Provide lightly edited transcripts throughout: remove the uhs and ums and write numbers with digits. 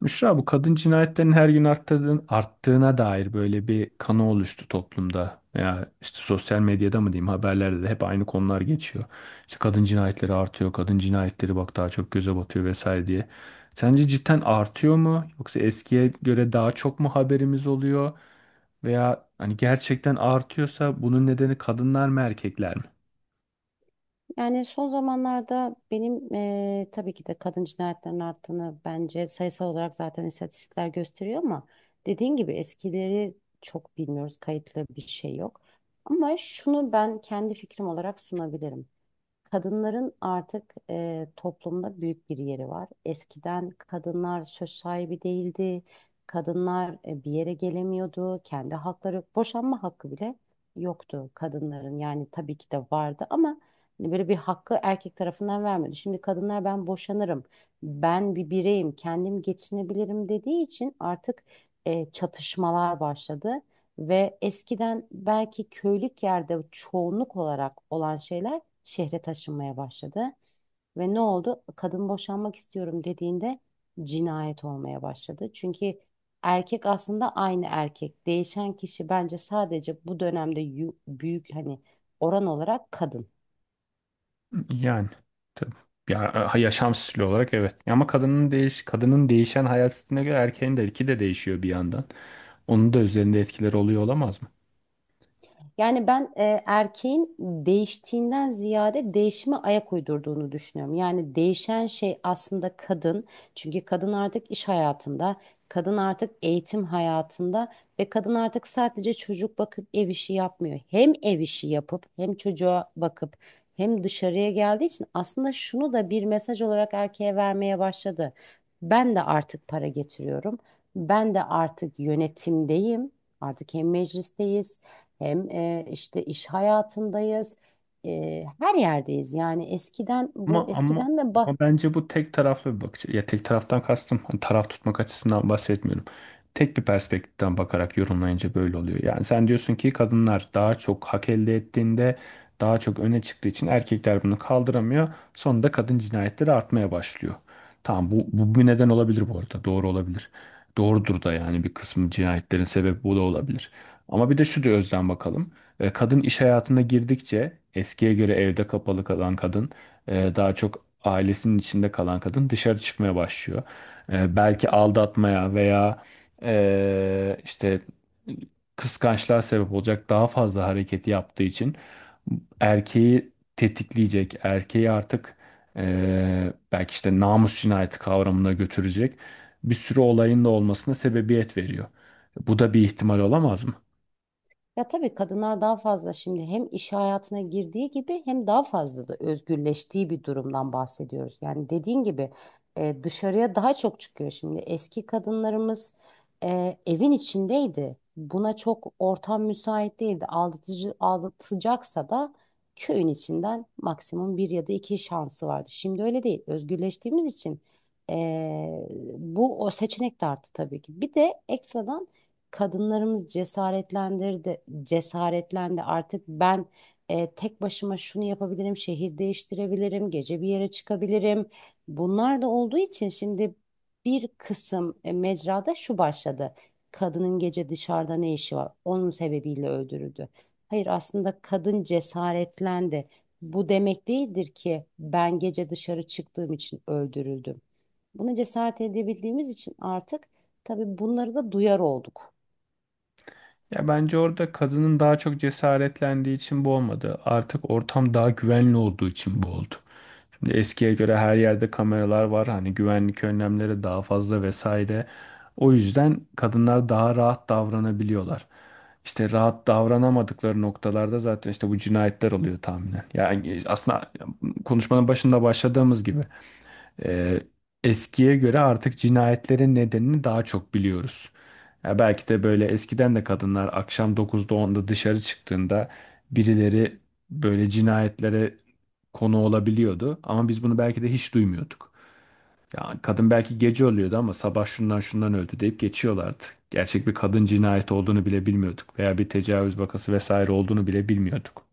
Müşra, bu kadın cinayetlerinin her gün arttığına dair böyle bir kanı oluştu toplumda. Ya işte sosyal medyada mı diyeyim, haberlerde de hep aynı konular geçiyor. İşte kadın cinayetleri artıyor, kadın cinayetleri bak daha çok göze batıyor vesaire diye. Sence cidden artıyor mu? Yoksa eskiye göre daha çok mu haberimiz oluyor? Veya hani gerçekten artıyorsa bunun nedeni kadınlar mı, erkekler mi? Yani son zamanlarda benim tabii ki de kadın cinayetlerinin arttığını bence sayısal olarak zaten istatistikler gösteriyor ama dediğin gibi eskileri çok bilmiyoruz. Kayıtlı bir şey yok. Ama şunu ben kendi fikrim olarak sunabilirim. Kadınların artık toplumda büyük bir yeri var. Eskiden kadınlar söz sahibi değildi. Kadınlar bir yere gelemiyordu. Kendi hakları, boşanma hakkı bile yoktu kadınların. Yani tabii ki de vardı ama hani böyle bir hakkı erkek tarafından vermiyordu. Şimdi kadınlar ben boşanırım, ben bir bireyim, kendim geçinebilirim dediği için artık çatışmalar başladı. Ve eskiden belki köylük yerde çoğunluk olarak olan şeyler şehre taşınmaya başladı. Ve ne oldu? Kadın boşanmak istiyorum dediğinde cinayet olmaya başladı. Çünkü erkek aslında aynı erkek. Değişen kişi bence sadece bu dönemde büyük hani oran olarak kadın. Yani tabii. Ya, yaşam stili olarak evet. Ama kadının değişen hayat stiline göre erkeğin de iki de değişiyor bir yandan. Onun da üzerinde etkileri oluyor olamaz mı? Yani ben erkeğin değiştiğinden ziyade değişime ayak uydurduğunu düşünüyorum. Yani değişen şey aslında kadın. Çünkü kadın artık iş hayatında, kadın artık eğitim hayatında ve kadın artık sadece çocuk bakıp ev işi yapmıyor. Hem ev işi yapıp hem çocuğa bakıp hem dışarıya geldiği için aslında şunu da bir mesaj olarak erkeğe vermeye başladı. Ben de artık para getiriyorum. Ben de artık yönetimdeyim. Artık hem meclisteyiz hem işte iş hayatındayız, her yerdeyiz. Yani Ama ama eskiden de ama bence bu tek taraflı bir bakış. Ya tek taraftan kastım hani taraf tutmak açısından bahsetmiyorum. Tek bir perspektiften bakarak yorumlayınca böyle oluyor. Yani sen diyorsun ki kadınlar daha çok hak elde ettiğinde, daha çok öne çıktığı için erkekler bunu kaldıramıyor. Sonunda kadın cinayetleri artmaya başlıyor. Tamam, bu bir neden olabilir bu arada. Doğru olabilir. Doğrudur da, yani bir kısmı cinayetlerin sebebi bu da olabilir. Ama bir de şu da özden bakalım. Kadın iş hayatına girdikçe, eskiye göre evde kapalı kalan kadın, daha çok ailesinin içinde kalan kadın dışarı çıkmaya başlıyor. Belki aldatmaya veya ee, işte kıskançlığa sebep olacak daha fazla hareketi yaptığı için erkeği tetikleyecek, erkeği artık belki işte namus cinayeti kavramına götürecek bir sürü olayın da olmasına sebebiyet veriyor. Bu da bir ihtimal olamaz mı? Ya tabii kadınlar daha fazla şimdi hem iş hayatına girdiği gibi hem daha fazla da özgürleştiği bir durumdan bahsediyoruz. Yani dediğin gibi dışarıya daha çok çıkıyor şimdi. Eski kadınlarımız evin içindeydi. Buna çok ortam müsait değildi. Aldatıcı, aldatacaksa da köyün içinden maksimum bir ya da iki şansı vardı. Şimdi öyle değil. Özgürleştiğimiz için e, bu o seçenek de arttı tabii ki. Bir de ekstradan kadınlarımız cesaretlendirdi, cesaretlendi. Artık ben tek başıma şunu yapabilirim, şehir değiştirebilirim, gece bir yere çıkabilirim. Bunlar da olduğu için şimdi bir kısım mecrada şu başladı. Kadının gece dışarıda ne işi var? Onun sebebiyle öldürüldü. Hayır aslında kadın cesaretlendi. Bu demek değildir ki ben gece dışarı çıktığım için öldürüldüm. Buna cesaret edebildiğimiz için artık tabii bunları da duyar olduk. Ya bence orada kadının daha çok cesaretlendiği için bu olmadı. Artık ortam daha güvenli olduğu için bu oldu. Şimdi eskiye göre her yerde kameralar var. Hani güvenlik önlemleri daha fazla vesaire. O yüzden kadınlar daha rahat davranabiliyorlar. İşte rahat davranamadıkları noktalarda zaten işte bu cinayetler oluyor tahminen. Yani aslında konuşmanın başında başladığımız gibi. Ee, eskiye göre artık cinayetlerin nedenini daha çok biliyoruz. Ya belki de böyle eskiden de kadınlar akşam 9'da 10'da dışarı çıktığında, birileri böyle cinayetlere konu olabiliyordu. Ama biz bunu belki de hiç duymuyorduk. Ya kadın belki gece ölüyordu ama sabah şundan şundan öldü deyip geçiyorlardı. Gerçek bir kadın cinayeti olduğunu bile bilmiyorduk veya bir tecavüz vakası vesaire olduğunu bile bilmiyorduk.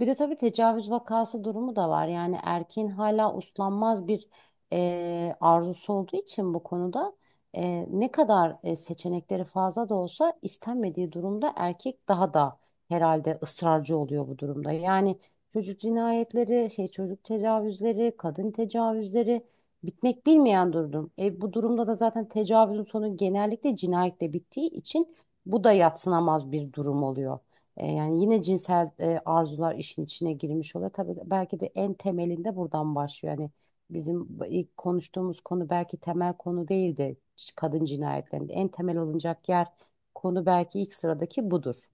Bir de tabii tecavüz vakası durumu da var. Yani erkeğin hala uslanmaz bir arzusu olduğu için bu konuda ne kadar seçenekleri fazla da olsa istenmediği durumda erkek daha da herhalde ısrarcı oluyor bu durumda. Yani çocuk cinayetleri, şey çocuk tecavüzleri, kadın tecavüzleri bitmek bilmeyen durum. Bu durumda da zaten tecavüzün sonu genellikle cinayetle bittiği için bu da yadsınamaz bir durum oluyor. Yani yine cinsel arzular işin içine girmiş oluyor. Tabii belki de en temelinde buradan başlıyor. Yani bizim ilk konuştuğumuz konu belki temel konu değildi kadın cinayetlerinde. En temel alınacak yer konu belki ilk sıradaki budur.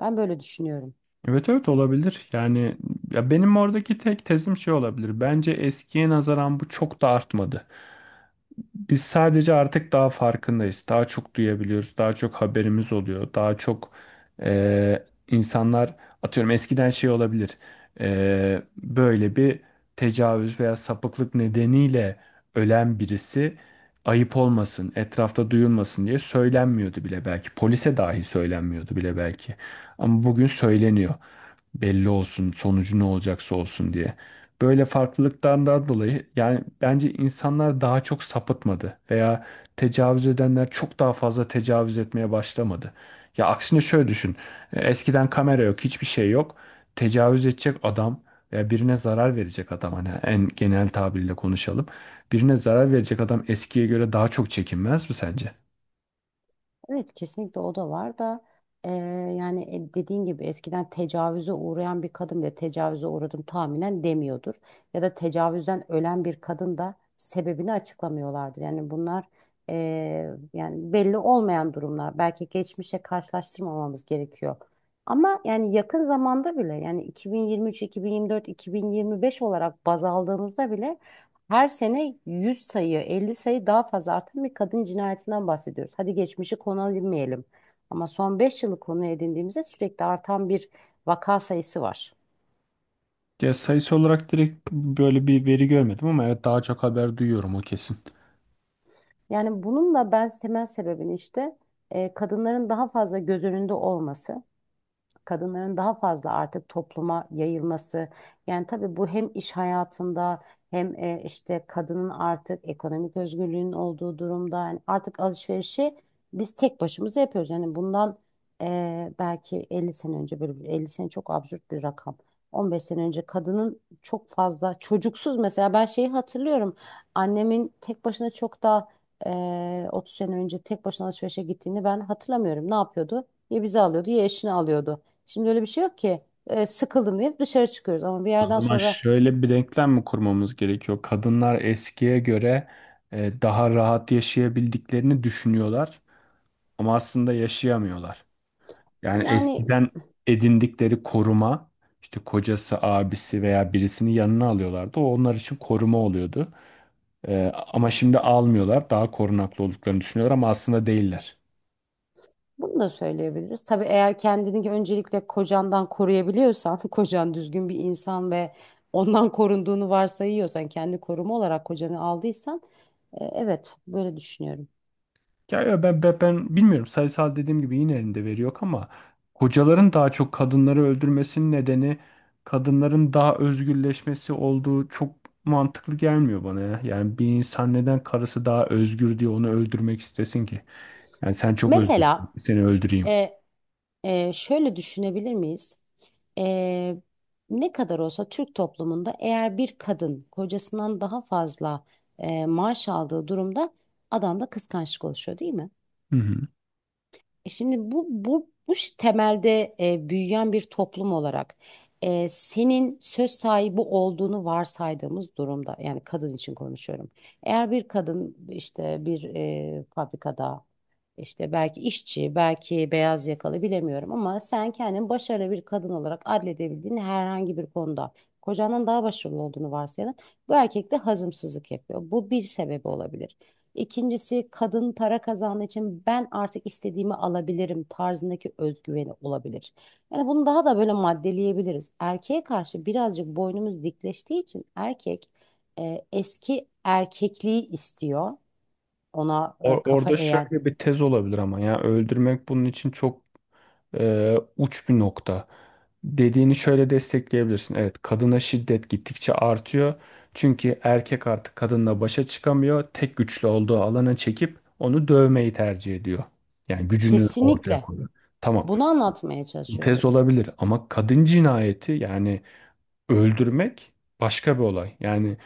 Ben böyle düşünüyorum. Evet, evet, olabilir. Yani ya benim oradaki tek tezim şey olabilir. Bence eskiye nazaran bu çok da artmadı. Biz sadece artık daha farkındayız. Daha çok duyabiliyoruz. Daha çok haberimiz oluyor. E, insanlar atıyorum eskiden şey olabilir. Böyle bir tecavüz veya sapıklık nedeniyle ölen birisi, ayıp olmasın, etrafta duyulmasın diye söylenmiyordu bile belki. Polise dahi söylenmiyordu bile belki. Ama bugün söyleniyor. Belli olsun, sonucu ne olacaksa olsun diye, böyle farklılıklardan dolayı yani bence insanlar daha çok sapıtmadı veya tecavüz edenler çok daha fazla tecavüz etmeye başlamadı. Ya aksine şöyle düşün. Eskiden kamera yok, hiçbir şey yok. Tecavüz edecek adam veya birine zarar verecek adam, hani en genel tabirle konuşalım. Birine zarar verecek adam eskiye göre daha çok çekinmez mi sence? Evet kesinlikle o da var da eee, yani dediğin gibi eskiden tecavüze uğrayan bir kadın bile tecavüze uğradım tahminen demiyordur. Ya da tecavüzden ölen bir kadın da sebebini açıklamıyorlardır. Yani bunlar yani belli olmayan durumlar. Belki geçmişe karşılaştırmamamız gerekiyor. Ama yani yakın zamanda bile yani 2023, 2024, 2025 olarak baz aldığımızda bile her sene 100 sayı, 50 sayı daha fazla artan bir kadın cinayetinden bahsediyoruz. Hadi geçmişi konu edinmeyelim. Ama son 5 yılı konu edindiğimizde sürekli artan bir vaka sayısı var. Ya sayısı olarak direkt böyle bir veri görmedim ama evet daha çok haber duyuyorum, o kesin. Yani bunun da ben temel sebebini işte kadınların daha fazla göz önünde olması. Kadınların daha fazla artık topluma yayılması. Yani tabii bu hem iş hayatında hem işte kadının artık ekonomik özgürlüğünün olduğu durumda yani artık alışverişi biz tek başımıza yapıyoruz. Yani bundan belki 50 sene önce 50 sene çok absürt bir rakam. 15 sene önce kadının çok fazla çocuksuz mesela ben şeyi hatırlıyorum. Annemin tek başına çok daha 30 sene önce tek başına alışverişe gittiğini ben hatırlamıyorum. Ne yapıyordu? Ya bizi alıyordu ya eşini alıyordu. Şimdi öyle bir şey yok ki. Sıkıldım diye dışarı çıkıyoruz ama bir O yerden zaman sonra şöyle bir denklem mi kurmamız gerekiyor? Kadınlar eskiye göre daha rahat yaşayabildiklerini düşünüyorlar ama aslında yaşayamıyorlar. Yani yani eskiden edindikleri koruma, işte kocası, abisi veya birisini yanına alıyorlardı. O onlar için koruma oluyordu. E, ama şimdi almıyorlar, daha korunaklı olduklarını düşünüyorlar ama aslında değiller. bunu da söyleyebiliriz. Tabii eğer kendini öncelikle kocandan koruyabiliyorsan, kocan düzgün bir insan ve ondan korunduğunu varsayıyorsan, kendi koruma olarak kocanı aldıysan, evet böyle düşünüyorum. Ya, ben bilmiyorum, sayısal dediğim gibi yine elinde veri yok ama hocaların daha çok kadınları öldürmesinin nedeni kadınların daha özgürleşmesi olduğu çok mantıklı gelmiyor bana ya. Yani bir insan neden karısı daha özgür diye onu öldürmek istesin ki? Yani sen çok özgürsün, Mesela seni öldüreyim. e, şöyle düşünebilir miyiz? E, Ne kadar olsa Türk toplumunda eğer bir kadın kocasından daha fazla maaş aldığı durumda adamda kıskançlık oluşuyor değil mi? Hı hı. E şimdi bu temelde büyüyen bir toplum olarak senin söz sahibi olduğunu varsaydığımız durumda yani kadın için konuşuyorum. Eğer bir kadın işte bir fabrikada işte belki işçi belki beyaz yakalı bilemiyorum ama sen kendini başarılı bir kadın olarak adledebildiğin herhangi bir konuda kocandan daha başarılı olduğunu varsayalım. Bu erkek de hazımsızlık yapıyor. Bu bir sebebi olabilir. İkincisi kadın para kazandığı için ben artık istediğimi alabilirim tarzındaki özgüveni olabilir. Yani bunu daha da böyle maddeleyebiliriz. Erkeğe karşı birazcık boynumuz dikleştiği için erkek eski erkekliği istiyor. Ona kafa Orada eğen. şöyle bir tez olabilir ama ya öldürmek bunun için çok uç bir nokta. Dediğini şöyle destekleyebilirsin. Evet, kadına şiddet gittikçe artıyor. Çünkü erkek artık kadınla başa çıkamıyor. Tek güçlü olduğu alana çekip onu dövmeyi tercih ediyor. Yani gücünü ortaya Kesinlikle koyuyor. Tamam. bunu anlatmaya Bu çalışıyorum. tez olabilir ama kadın cinayeti, yani öldürmek, başka bir olay. Yani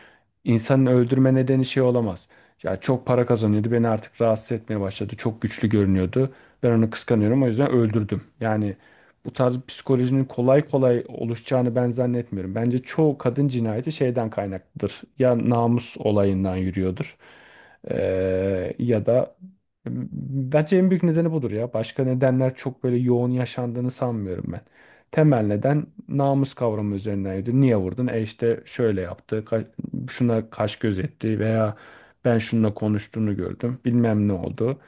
İnsanın öldürme nedeni şey olamaz. Ya çok para kazanıyordu, beni artık rahatsız etmeye başladı. Çok güçlü görünüyordu. Ben onu kıskanıyorum, o yüzden öldürdüm. Yani bu tarz psikolojinin kolay kolay oluşacağını ben zannetmiyorum. Bence çoğu kadın cinayeti şeyden kaynaklıdır. Ya namus olayından yürüyordur. Ya da bence en büyük nedeni budur ya. Başka nedenler çok böyle yoğun yaşandığını sanmıyorum ben. Temel neden namus kavramı üzerineydi. Niye vurdun? E işte şöyle yaptı, şuna kaş göz etti veya ben şununla konuştuğunu gördüm, bilmem ne oldu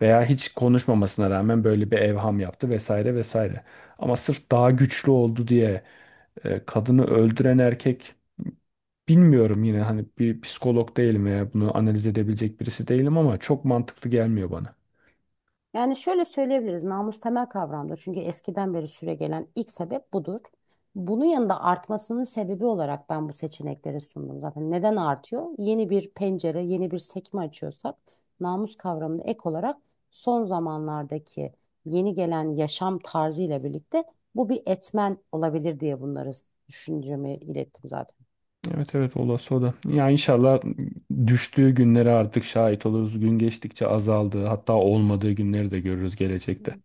veya hiç konuşmamasına rağmen böyle bir evham yaptı vesaire vesaire. Ama sırf daha güçlü oldu diye kadını öldüren erkek. Bilmiyorum, yine hani bir psikolog değilim ya, bunu analiz edebilecek birisi değilim ama çok mantıklı gelmiyor bana. Yani şöyle söyleyebiliriz, namus temel kavramdır. Çünkü eskiden beri süregelen ilk sebep budur. Bunun yanında artmasının sebebi olarak ben bu seçenekleri sundum zaten. Neden artıyor? Yeni bir pencere, yeni bir sekme açıyorsak namus kavramını ek olarak son zamanlardaki yeni gelen yaşam tarzı ile birlikte bu bir etmen olabilir diye bunları düşüncemi ilettim zaten. Evet, evet, olası o da. Ya inşallah düştüğü günlere artık şahit oluruz. Gün geçtikçe azaldığı, hatta olmadığı günleri de görürüz gelecekte.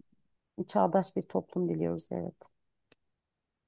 Çağdaş bir toplum diliyoruz, evet.